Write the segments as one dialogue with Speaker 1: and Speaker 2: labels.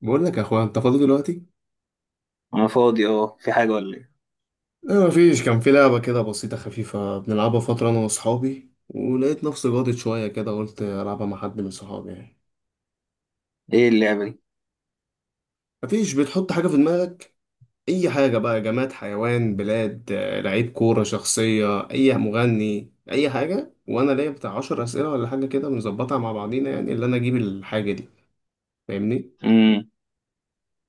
Speaker 1: بقول لك يا اخويا، انت فاضي دلوقتي؟
Speaker 2: انا فاضي، اه، في حاجة ولا ايه؟
Speaker 1: لا، مفيش. كان في لعبة كده بسيطة خفيفة بنلعبها فترة أنا وأصحابي، ولقيت نفسي جادت شوية كده قلت ألعبها مع حد من صحابي يعني.
Speaker 2: ايه اللعبة دي؟
Speaker 1: مفيش، بتحط حاجة في دماغك أي حاجة بقى: جماد، حيوان، بلاد، لعيب كورة، شخصية، أي مغني، أي حاجة. وأنا ليا بتاع 10 أسئلة ولا حاجة كده بنظبطها مع بعضينا، يعني اللي أنا أجيب الحاجة دي. فاهمني؟
Speaker 2: امم.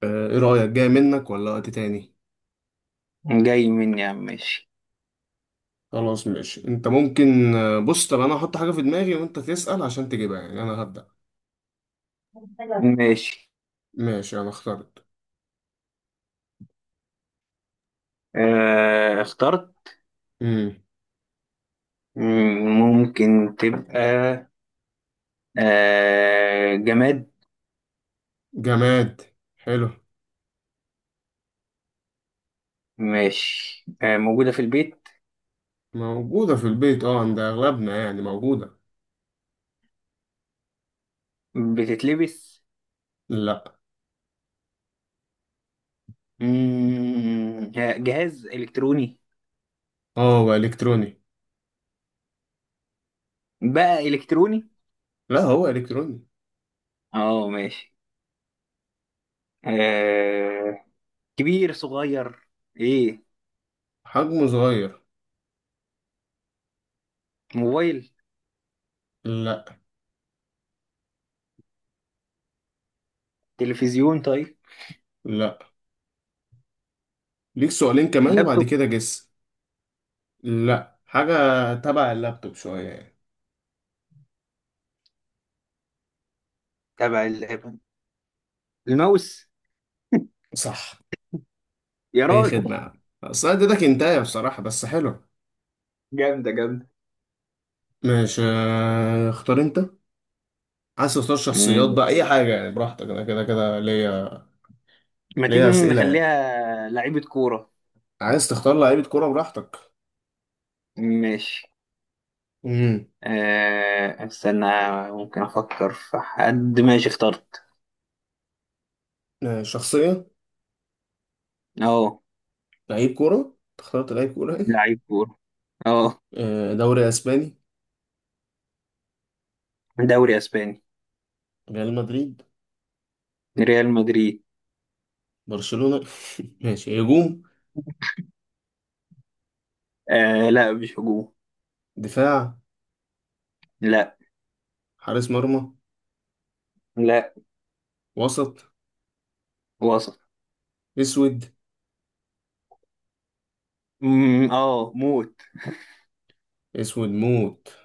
Speaker 1: إيه رأيك؟ جاي منك ولا وقت تاني؟
Speaker 2: جاي مني يا عم، ماشي.
Speaker 1: خلاص ماشي. أنت ممكن بص، طب أنا هحط حاجة في دماغي وأنت تسأل عشان تجيبها، يعني أنا هبدأ.
Speaker 2: ماشي.
Speaker 1: ماشي، انا اخترت.
Speaker 2: اخترت.
Speaker 1: امم
Speaker 2: ممكن تبقى. جماد.
Speaker 1: جماد. حلو.
Speaker 2: ماشي. موجودة في البيت؟
Speaker 1: موجودة في البيت، اه، عند اغلبنا يعني موجودة.
Speaker 2: بتتلبس؟
Speaker 1: لا.
Speaker 2: جهاز إلكتروني؟
Speaker 1: اه، هو الكتروني.
Speaker 2: بقى إلكتروني؟
Speaker 1: لا، هو الكتروني.
Speaker 2: اه، ماشي. آه. كبير، صغير؟ ايه؟
Speaker 1: حجمه صغير.
Speaker 2: موبايل؟
Speaker 1: لا.
Speaker 2: تلفزيون؟ طيب.
Speaker 1: لا، ليك سؤالين كمان وبعد
Speaker 2: لابتوب؟
Speaker 1: كده جس. لا حاجة. تبع اللابتوب شوية يعني.
Speaker 2: تبع اللعبة؟ الماوس!
Speaker 1: صح.
Speaker 2: يا
Speaker 1: اي خدمة
Speaker 2: راجل!
Speaker 1: يا عم، اصل أنا اديتك انتايه بصراحة، بس حلو.
Speaker 2: جامدة، جامدة!
Speaker 1: ماشي. اختار انت. عايز تختار شخصيات
Speaker 2: مم.
Speaker 1: بقى اي حاجة يعني، براحتك. انا كده كده ليا.
Speaker 2: ما تيجي
Speaker 1: ليا اسئلة يعني.
Speaker 2: نخليها لعيبة كورة؟
Speaker 1: عايز تختار لعيبة كورة، براحتك.
Speaker 2: ماشي.
Speaker 1: امم
Speaker 2: استنى. ممكن أفكر في حد. ماشي، اخترت.
Speaker 1: شخصية.
Speaker 2: أه
Speaker 1: لعيب كورة. اخترت لعيب كورة يعني.
Speaker 2: لعيب كورة. أه.
Speaker 1: دوري اسباني.
Speaker 2: دوري أسباني.
Speaker 1: ريال مدريد.
Speaker 2: ريال مدريد.
Speaker 1: برشلونة. ماشي، هجوم؟
Speaker 2: لا، مش هجوم.
Speaker 1: دفاع؟
Speaker 2: لا
Speaker 1: حارس مرمى؟
Speaker 2: لا.
Speaker 1: وسط؟
Speaker 2: وسط.
Speaker 1: اسود؟
Speaker 2: مم، أه موت.
Speaker 1: اسود موت.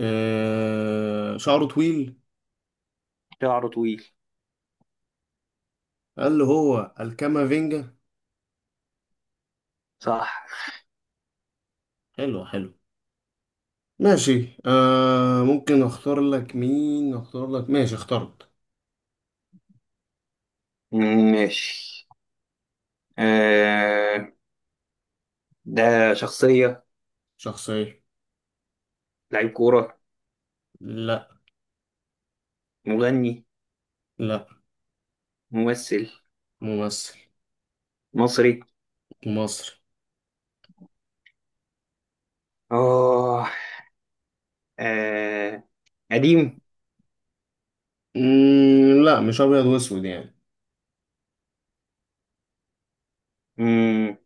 Speaker 1: شعره طويل؟
Speaker 2: شعره طويل.
Speaker 1: قال له هو الكامافينجا.
Speaker 2: صح.
Speaker 1: حلو حلو. ماشي. ممكن اختار لك مين اختار لك. ماشي، اخترت.
Speaker 2: ماشي. أه. ده شخصية؟
Speaker 1: شخصية.
Speaker 2: لعيب كورة؟
Speaker 1: لا.
Speaker 2: مغني؟
Speaker 1: لا.
Speaker 2: ممثل؟
Speaker 1: ممثل.
Speaker 2: مصري؟
Speaker 1: مصري.
Speaker 2: أه. آه. قديم؟
Speaker 1: لا، مش ابيض واسود يعني.
Speaker 2: مم.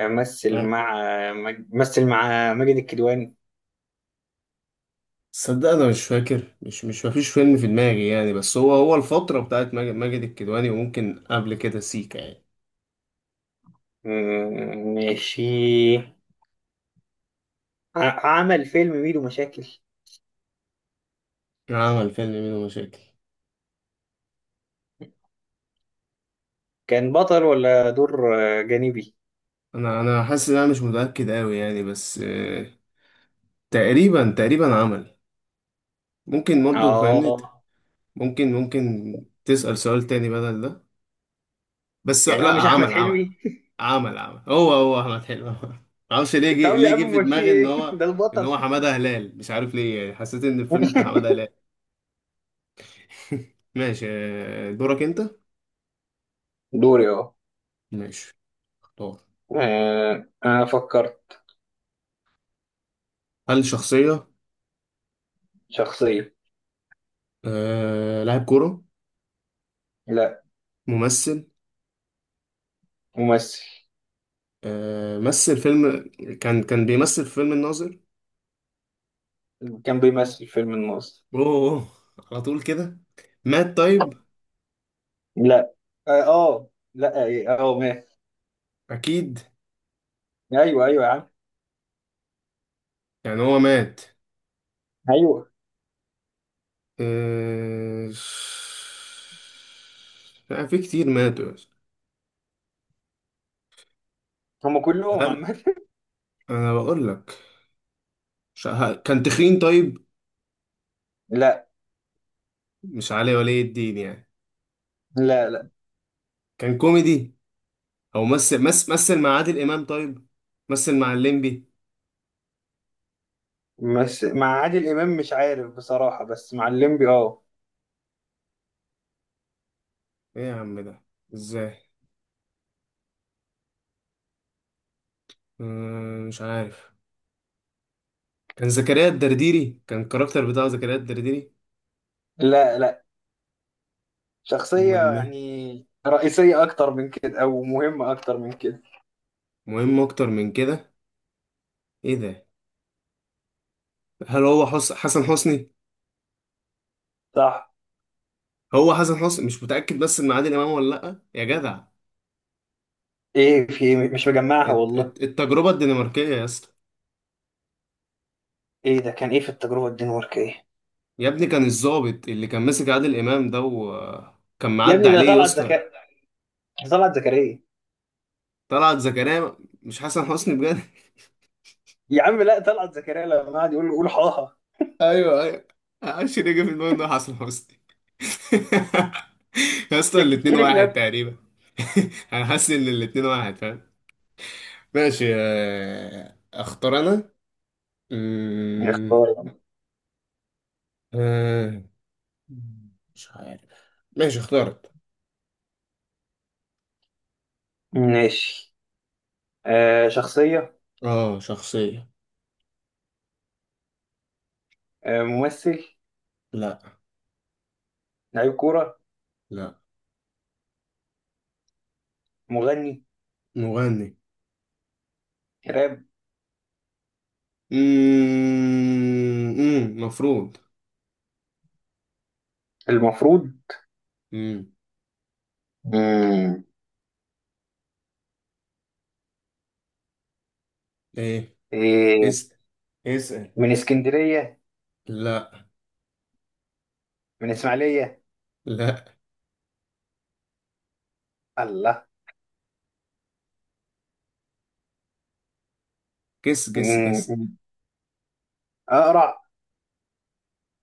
Speaker 2: مثل
Speaker 1: آه.
Speaker 2: مع مثل مع ماجد الكدواني.
Speaker 1: تصدق انا مش فاكر، مش مش مفيش فيلم في دماغي يعني. بس هو الفترة بتاعت ماجد الكدواني، وممكن قبل كده سيكا يعني.
Speaker 2: ماشي. عمل فيلم ميدو مشاكل؟
Speaker 1: عمل فيلم منه مشاكل.
Speaker 2: كان بطل ولا دور جانبي؟
Speaker 1: انا حاسس ان انا مش متأكد قوي يعني، بس تقريبا تقريبا عمل. ممكن برضه، فاهمني؟
Speaker 2: اه.
Speaker 1: ممكن تسأل سؤال تاني بدل ده. بس
Speaker 2: يعني هو
Speaker 1: لا،
Speaker 2: مش احمد
Speaker 1: عمل عمل
Speaker 2: حلمي؟
Speaker 1: عمل عمل. هو احمد حلمي. معرفش ليه جه
Speaker 2: طب يا عم،
Speaker 1: في
Speaker 2: امال في
Speaker 1: دماغي ان
Speaker 2: ايه؟
Speaker 1: هو
Speaker 2: ده البطل!
Speaker 1: حمادة هلال، مش عارف ليه يعني، حسيت ان الفيلم بتاع حمادة هلال. ماشي. دورك انت.
Speaker 2: دوري، اه.
Speaker 1: ماشي. اختار.
Speaker 2: انا فكرت.
Speaker 1: هل شخصية؟
Speaker 2: شخصية.
Speaker 1: لاعب كورة؟
Speaker 2: لا.
Speaker 1: ممثل؟
Speaker 2: ممثل.
Speaker 1: مثل فيلم؟ كان بيمثل في فيلم الناظر؟
Speaker 2: كان بيمثل فيلم الناظر.
Speaker 1: اوه. أوه، على طول كده. مات طيب؟
Speaker 2: لا، لا، ماشي.
Speaker 1: اكيد.
Speaker 2: ايوه، ايوه يا عم.
Speaker 1: يعني هو مات؟
Speaker 2: ايوه.
Speaker 1: آه، لا، في كتير ماتوا.
Speaker 2: هم كلهم
Speaker 1: هل...
Speaker 2: عامة.
Speaker 1: انا بقول لك، كان تخين طيب؟
Speaker 2: لا.
Speaker 1: مش علي ولي الدين يعني؟
Speaker 2: لا، لا.
Speaker 1: كان كوميدي. او مثل مع عادل امام طيب؟ مثل مع الليمبي؟
Speaker 2: بس مع عادل امام مش عارف بصراحة، بس مع الليمبي اه.
Speaker 1: ايه يا عم ده! ازاي! مش عارف. كان زكريا الدرديري، كان الكاركتر بتاع زكريا الدرديري.
Speaker 2: لا، لا. شخصية
Speaker 1: امال مين؟
Speaker 2: يعني رئيسية اكتر من كده، او مهمة اكتر من كده.
Speaker 1: مهم اكتر من كده؟ ايه ده؟ هل هو حسن حسني؟
Speaker 2: صح.
Speaker 1: هو حسن حسني، مش متاكد بس من عادل امام ولا لا يا جدع.
Speaker 2: ايه في إيه؟ مش مجمعها والله.
Speaker 1: التجربه الدنماركيه يا اسطى.
Speaker 2: ايه ده؟ كان ايه في التجربة الدنماركية، ايه؟
Speaker 1: يا ابني، كان الضابط اللي كان ماسك عادل امام ده وكان
Speaker 2: يا
Speaker 1: معدي
Speaker 2: ابني ده
Speaker 1: عليه يا
Speaker 2: طلعت
Speaker 1: اسطى.
Speaker 2: زكاء. طلعت زكريا.
Speaker 1: طلعت زكريا؟ مش حسن حسني؟ بجد!
Speaker 2: يا عم لا، طلعت زكريا لما قعد يقول له قول حاها.
Speaker 1: ايوه، ايوه. معرفش ليه جه في دماغي إنه حسن حسني. يا اسطى، الاتنين
Speaker 2: شككتني في
Speaker 1: واحد
Speaker 2: نفسي.
Speaker 1: تقريبا. انا حاسس ان الاتنين واحد، فاهم؟ ماشي. اختار انا.
Speaker 2: يا
Speaker 1: أمم،
Speaker 2: اخبار.
Speaker 1: آه، مش عارف. ماشي، اخترت.
Speaker 2: ماشي. شخصية؟
Speaker 1: اه، شخصية.
Speaker 2: ممثل؟
Speaker 1: لا.
Speaker 2: لعيب كورة؟
Speaker 1: لا.
Speaker 2: مغني؟
Speaker 1: مغني.
Speaker 2: راب؟
Speaker 1: أمم، أمم، مفروض.
Speaker 2: المفروض.
Speaker 1: أمم،
Speaker 2: امم.
Speaker 1: ايه؟
Speaker 2: إيه؟
Speaker 1: اسأل. اسأل.
Speaker 2: من اسكندرية؟
Speaker 1: لا.
Speaker 2: من اسماعيلية؟
Speaker 1: لا.
Speaker 2: الله!
Speaker 1: جس، جس، جس.
Speaker 2: مم. اقرع؟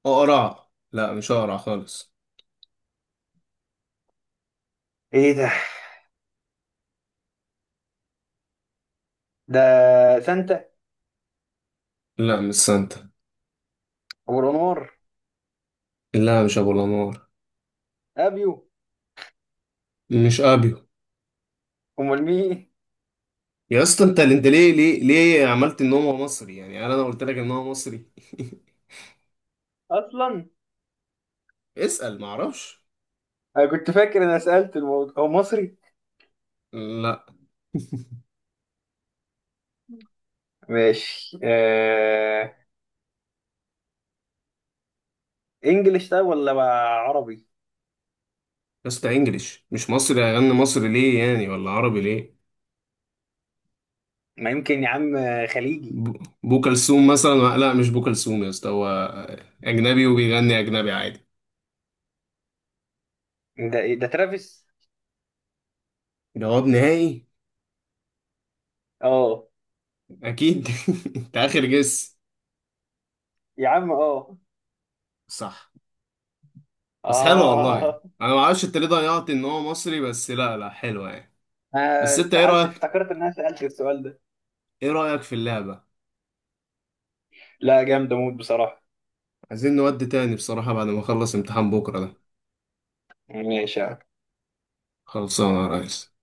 Speaker 1: اقرع؟ لا، مش اقرع خالص.
Speaker 2: ايه ده؟ ده؟ سانتا؟
Speaker 1: لا، مش سانتا.
Speaker 2: ابو الانوار؟
Speaker 1: لا، مش ابو الانوار.
Speaker 2: ابيو؟
Speaker 1: مش ابيو.
Speaker 2: امال مين؟
Speaker 1: يا اسطى، انت ليه عملت ان هو مصري يعني؟ انا لو قلت لك ان هو مصري.
Speaker 2: اصلا.
Speaker 1: اسأل، معرفش.
Speaker 2: انا كنت فاكر انا سألت، الموضوع هو مصري؟
Speaker 1: لا.
Speaker 2: ماشي. انجلش ده ولا بقى عربي؟
Speaker 1: يا اسطى، انجليش مش مصري، هيغني مصري ليه يعني؟ ولا عربي ليه؟
Speaker 2: ما يمكن يا عم. خليجي؟
Speaker 1: بو كلثوم مثلا؟ لا مش بو كلثوم يا اسطى، هو اجنبي وبيغني اجنبي عادي.
Speaker 2: ده إيه؟ ده ترافيس؟
Speaker 1: جواب نهائي؟
Speaker 2: اه.
Speaker 1: اكيد. انت اخر جس.
Speaker 2: يا عم، اه.
Speaker 1: صح. بس حلوة والله يعني.
Speaker 2: اه.
Speaker 1: انا ما اعرفش انت ليه ضيعت ان هو مصري، بس لا لا، حلوة يعني. بس
Speaker 2: أنا
Speaker 1: انت، ايه
Speaker 2: اتسحلت،
Speaker 1: رأيك؟
Speaker 2: افتكرت ان انا سألت السؤال ده.
Speaker 1: ايه رأيك في اللعبة؟
Speaker 2: لا جامد، اموت بصراحة.
Speaker 1: عايزين نودي تاني بصراحة بعد ما اخلص امتحان بكرة ده.
Speaker 2: ماشي.
Speaker 1: خلصانة يا ريس.